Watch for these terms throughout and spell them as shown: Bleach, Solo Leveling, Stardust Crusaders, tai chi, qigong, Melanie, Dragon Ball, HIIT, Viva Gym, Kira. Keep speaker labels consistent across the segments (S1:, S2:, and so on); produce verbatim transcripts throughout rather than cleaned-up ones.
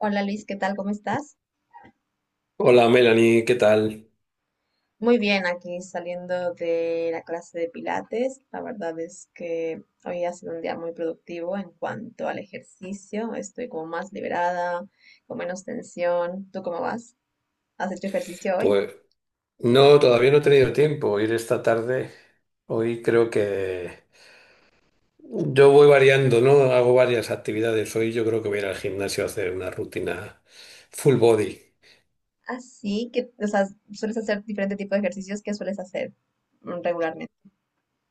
S1: Hola Liz, ¿qué tal? ¿Cómo estás?
S2: Hola Melanie, ¿qué tal?
S1: Muy bien, aquí saliendo de la clase de Pilates. La verdad es que hoy ha sido un día muy productivo en cuanto al ejercicio. Estoy como más liberada, con menos tensión. ¿Tú cómo vas? ¿Has hecho ejercicio hoy?
S2: Pues no, todavía no he tenido tiempo ir esta tarde. Hoy creo que yo voy variando, ¿no? Hago varias actividades. Hoy yo creo que voy a ir al gimnasio a hacer una rutina full body.
S1: Así que, o sea, sueles hacer diferente tipo de ejercicios que sueles hacer mm, regularmente.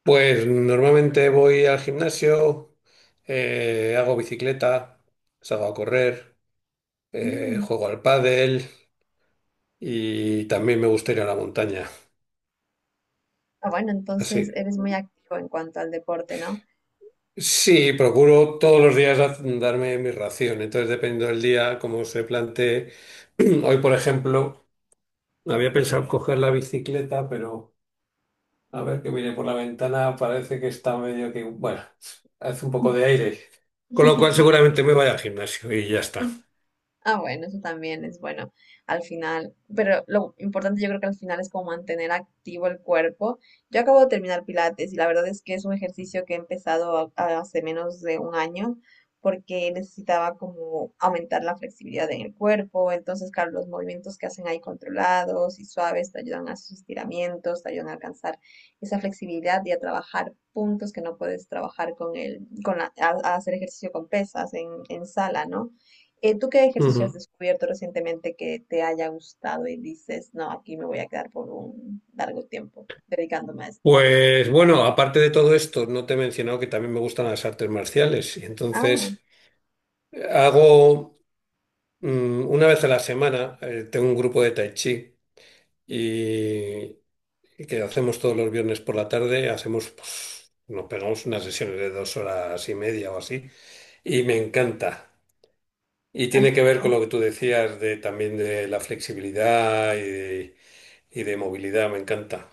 S2: Pues normalmente voy al gimnasio, eh, hago bicicleta, salgo a correr, eh,
S1: Mm.
S2: juego al pádel y también me gusta ir a la montaña.
S1: Ah, bueno, entonces
S2: Así.
S1: eres muy activo en cuanto al deporte, ¿no?
S2: Sí, procuro todos los días haz- darme mi ración. Entonces, dependiendo del día, como se plantee. Hoy, por ejemplo, había pensado coger la bicicleta, pero a ver que miré por la ventana, parece que está medio que, bueno, hace un poco de aire. Con lo cual, seguramente me vaya al gimnasio y ya está.
S1: Ah, bueno, eso también es bueno al final, pero lo importante yo creo que al final es como mantener activo el cuerpo. Yo acabo de terminar Pilates y la verdad es que es un ejercicio que he empezado a- a hace menos de un año porque necesitaba como aumentar la flexibilidad en el cuerpo, entonces claro, los movimientos que hacen ahí controlados y suaves te ayudan a esos estiramientos, te ayudan a alcanzar esa flexibilidad y a trabajar puntos que no puedes trabajar con el, con la- a, a hacer ejercicio con pesas en, en sala, ¿no? Eh, ¿tú qué ejercicio has
S2: Ujú.
S1: descubierto recientemente que te haya gustado y dices, no, aquí me voy a quedar por un largo tiempo dedicándome a esto?
S2: Pues bueno, aparte de todo esto, no te he mencionado que también me gustan las artes marciales. Y
S1: Ah,
S2: entonces, eh, hago mm, una vez a la semana, eh, tengo un grupo de tai chi. y y que hacemos todos los viernes por la tarde, hacemos, pues, nos pegamos unas sesiones de dos horas y media o así, y me encanta. Y
S1: así.
S2: tiene que ver con lo que tú decías de también de la flexibilidad y de, y de movilidad, me encanta.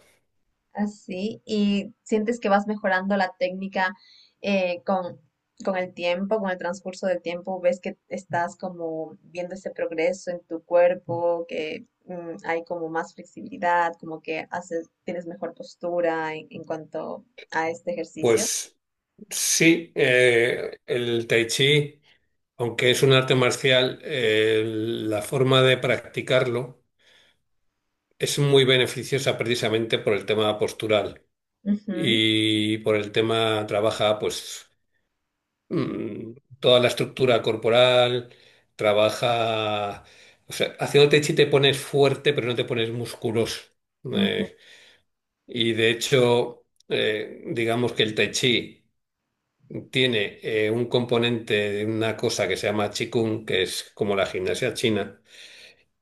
S1: Así. ¿Y sientes que vas mejorando la técnica eh, con, con el tiempo, con el transcurso del tiempo? ¿Ves que estás como viendo ese progreso en tu cuerpo, que mm, hay como más flexibilidad, como que haces, tienes mejor postura en, en cuanto a este ejercicio?
S2: Pues sí, eh, el tai chi, aunque es un arte marcial, eh, la forma de practicarlo es muy beneficiosa precisamente por el tema postural.
S1: Ujú,
S2: Y por el tema trabaja pues mm, toda la estructura corporal, trabaja, o sea, haciendo tai chi te pones fuerte, pero no te pones musculoso.
S1: ujú,
S2: Eh, y de hecho, eh, digamos que el tai chi tiene eh, un componente de una cosa que se llama qigong, que es como la gimnasia china,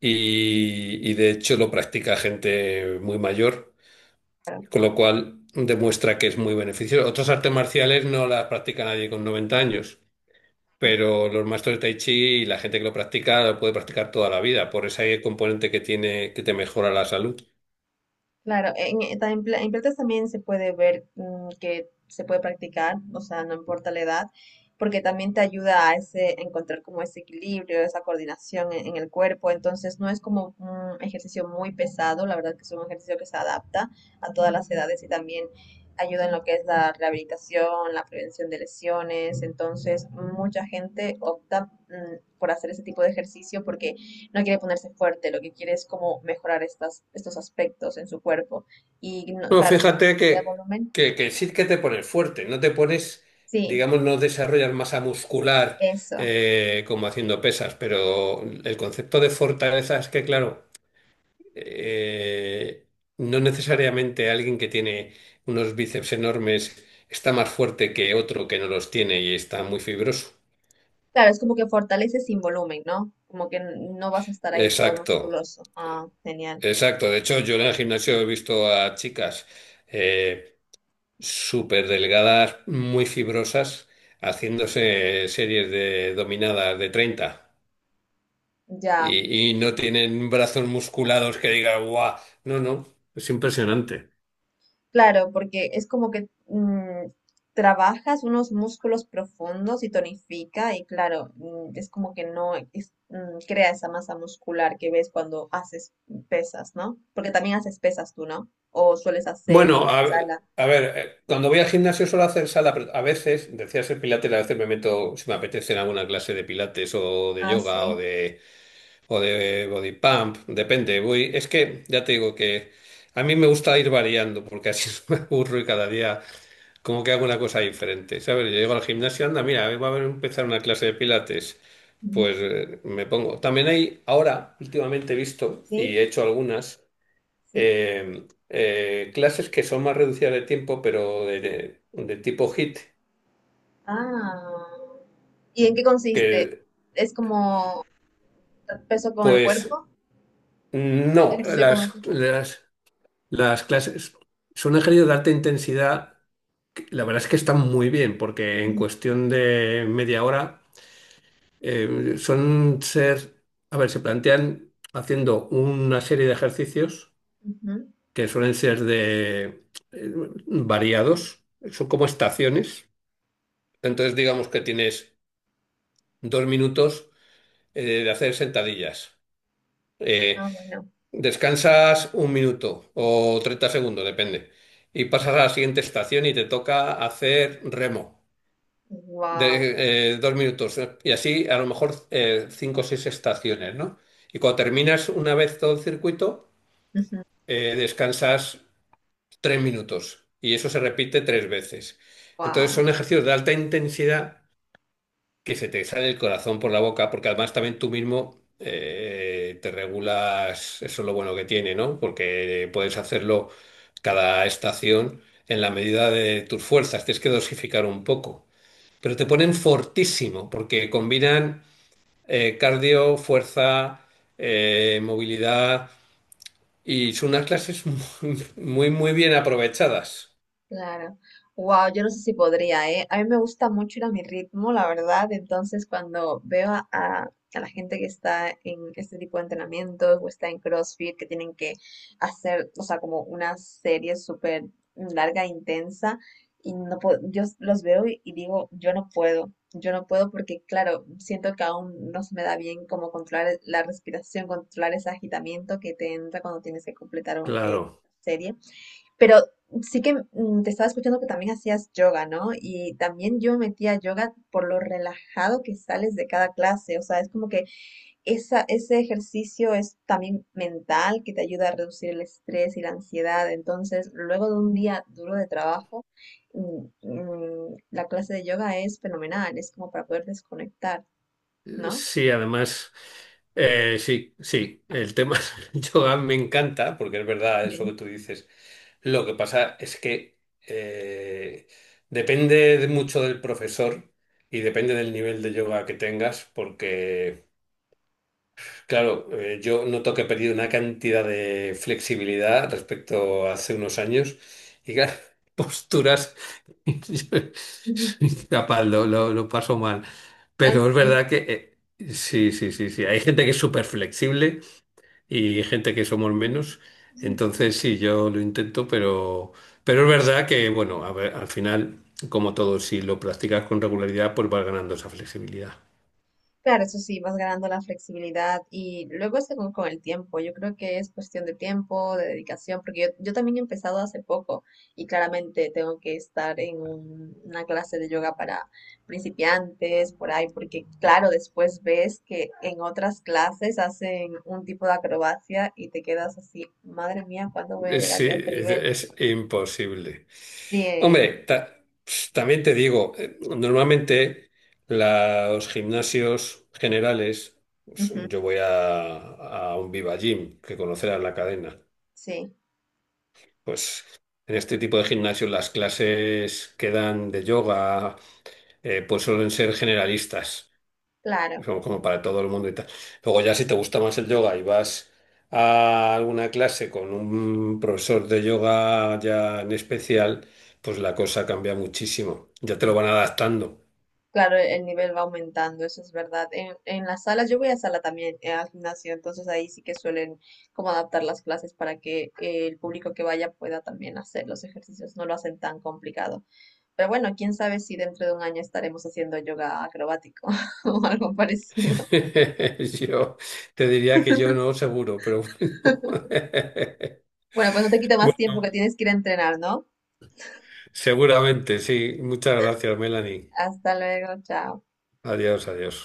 S2: y y de hecho lo practica gente muy mayor.
S1: claro.
S2: Con lo cual demuestra que es muy beneficioso. Otras artes marciales no las practica nadie con noventa años, pero los maestros de Tai Chi y la gente que lo practica lo puede practicar toda la vida, por ese componente que tiene que te mejora la salud.
S1: Claro, en, en ta- en pla- en plantas también se puede ver mm, que se puede practicar, o sea, no importa la edad, porque también te ayuda a ese, a encontrar como ese equilibrio, esa coordinación en, en el cuerpo, entonces no es como un ejercicio muy pesado, la verdad que es un ejercicio que se adapta a todas las edades y también ayuda en lo que es la rehabilitación, la prevención de lesiones, entonces mucha gente opta mm, por hacer ese tipo de ejercicio porque no quiere ponerse fuerte, lo que quiere es como mejorar estas, estos aspectos en su cuerpo. Y no-
S2: No,
S1: claro, no
S2: fíjate
S1: como que da
S2: que,
S1: volumen.
S2: que, que sí que te pones fuerte, no te pones,
S1: Sí,
S2: digamos, no desarrollas masa muscular
S1: eso.
S2: eh, como haciendo pesas, pero el concepto de fortaleza es que, claro, eh, no necesariamente alguien que tiene unos bíceps enormes está más fuerte que otro que no los tiene y está muy fibroso.
S1: Claro, es como que fortalece sin volumen, ¿no? Como que n- no vas a estar ahí todo
S2: Exacto,
S1: musculoso. Ah, genial.
S2: exacto. De hecho, yo en el gimnasio he visto a chicas eh, súper delgadas, muy fibrosas, haciéndose series de dominadas de treinta
S1: Ya.
S2: y, y no tienen brazos musculados que diga, guau, no, no, es impresionante.
S1: Claro, porque es como que mm, trabajas unos músculos profundos y tonifica y claro, mm, es como que no es- mm, crea esa masa muscular que ves cuando haces pesas, ¿no? Porque también haces pesas tú, ¿no? O sueles hacer
S2: Bueno, a,
S1: sala.
S2: a ver, eh, cuando voy al gimnasio suelo hacer sala, pero a veces, decía ser pilates, a veces me meto, si me apetece, en alguna clase de pilates o de
S1: Ah,
S2: yoga o
S1: sí.
S2: de, o de body pump, depende. Voy, es que ya te digo que a mí me gusta ir variando porque así no me aburro y cada día como que hago una cosa diferente, ¿sabes? Yo llego al gimnasio, anda, mira, va a haber- empezar una clase de pilates.
S1: Mm.
S2: Pues eh, me pongo. También hay, ahora, últimamente he visto y
S1: Sí,
S2: he hecho algunas
S1: sí.
S2: eh, eh, clases que son más reducidas de tiempo, pero de, de- de tipo HIIT,
S1: Ah. ¿Y en qué consiste?
S2: que
S1: ¿Es como peso con el
S2: pues
S1: cuerpo?
S2: no,
S1: ¿Ejercicio con
S2: las,
S1: el cuerpo?
S2: las, las clases son ejercicios de alta intensidad, que la verdad es que están muy bien, porque en
S1: Ujú,
S2: cuestión de media hora eh, son ser, a ver, se plantean haciendo una serie de ejercicios
S1: ujú.
S2: que suelen ser de eh, variados, son como estaciones, entonces digamos que tienes dos minutos eh, de hacer sentadillas. Eh,
S1: Ah, bueno.
S2: Descansas un minuto o treinta segundos, depende. Y pasas a la siguiente estación y te toca hacer remo.
S1: Wow.
S2: De, eh, dos minutos. Y así a lo mejor eh, cinco o seis estaciones, ¿no? Y cuando terminas una vez todo el circuito, eh, descansas tres minutos. Y eso se repite tres veces. Entonces son
S1: Wow.
S2: ejercicios de alta intensidad que se te sale el corazón por la boca, porque además también tú mismo eh, te regulas, eso es lo bueno que tiene, ¿no? Porque puedes hacerlo cada estación en la medida de tus fuerzas, tienes que dosificar un poco, pero te ponen fortísimo, porque combinan eh, cardio, fuerza, eh, movilidad, y son unas clases muy, muy, muy bien aprovechadas.
S1: Claro. Wow, yo no sé si podría, ¿eh? A mí me gusta mucho ir a mi ritmo, la verdad. Entonces, cuando veo a, a- a la gente que está en este tipo de entrenamientos o está en CrossFit, que tienen que hacer, o sea, como una serie súper larga e intensa, y no puedo, yo s- los veo y, y digo, yo no puedo, yo no puedo porque, claro, siento que aún no se me da bien como controlar la respiración, controlar ese agitamiento que te entra cuando tienes que completar un- eh,
S2: Claro.
S1: serie. Pero sí que mm, te estaba escuchando que también hacías yoga, ¿no? Y también yo me metía a yoga por lo relajado que sales de cada clase. O sea, es como que esa, ese ejercicio es también mental que te ayuda a reducir el estrés y la ansiedad. Entonces, luego de un día duro de trabajo, mm, mm, la clase de yoga es fenomenal. Es como para poder desconectar,
S2: Eh,
S1: ¿no?
S2: Sí, además, eh, sí, sí, el tema del yoga me encanta, porque es verdad eso que
S1: Sí.
S2: tú dices. Lo que pasa es que eh, depende de mucho del profesor y depende del nivel de yoga que tengas, porque claro, eh, yo noto que he perdido una cantidad de flexibilidad respecto a hace unos años y claro, posturas, yo soy incapaz, lo, lo- lo paso mal. Pero es
S1: Así.
S2: verdad que eh, sí, sí, sí, sí, hay gente que es súper flexible y gente que somos menos. Entonces sí, yo lo intento, pero, pero es verdad que, bueno, a ver, al final, como todo, si lo practicas con regularidad, pues vas ganando esa flexibilidad.
S1: Claro, eso sí, vas ganando la flexibilidad y luego según con el tiempo, yo creo que es cuestión de tiempo, de dedicación, porque yo, yo también he empezado hace poco y claramente tengo que estar en un- una clase de yoga para principiantes, por ahí, porque claro, después ves que en otras clases hacen un tipo de acrobacia y te quedas así, madre mía, ¿cuándo voy a
S2: Eh,
S1: llegar
S2: Sí,
S1: yo a este
S2: es
S1: nivel?
S2: es imposible.
S1: Sí, eh,
S2: Hombre, ta- también te digo, eh, normalmente los gimnasios generales, pues,
S1: ujú,
S2: yo voy a, a un Viva Gym, que conocerás la cadena.
S1: sí,
S2: Pues en este tipo de gimnasios las clases que dan de yoga, eh, pues suelen ser generalistas
S1: claro.
S2: como, como para todo el mundo y tal. Luego ya si te gusta más el yoga y vas a alguna clase con un profesor de yoga ya en especial, pues la cosa cambia muchísimo. Ya te lo van adaptando.
S1: Claro, el nivel va aumentando, eso es verdad. En, en las salas, yo voy a sala también, eh, al gimnasio, entonces ahí sí que suelen como adaptar las clases para que eh, el público que vaya pueda también hacer los ejercicios, no lo hacen tan complicado. Pero bueno, quién sabe si dentro de un año estaremos haciendo yoga acrobático o algo parecido.
S2: Yo te diría que yo no, seguro, pero bueno.
S1: Bueno, pues no te quito más tiempo que
S2: Bueno,
S1: tienes que ir a entrenar, ¿no?
S2: seguramente, sí. Muchas gracias, Melanie.
S1: Hasta luego, chao.
S2: Adiós, adiós.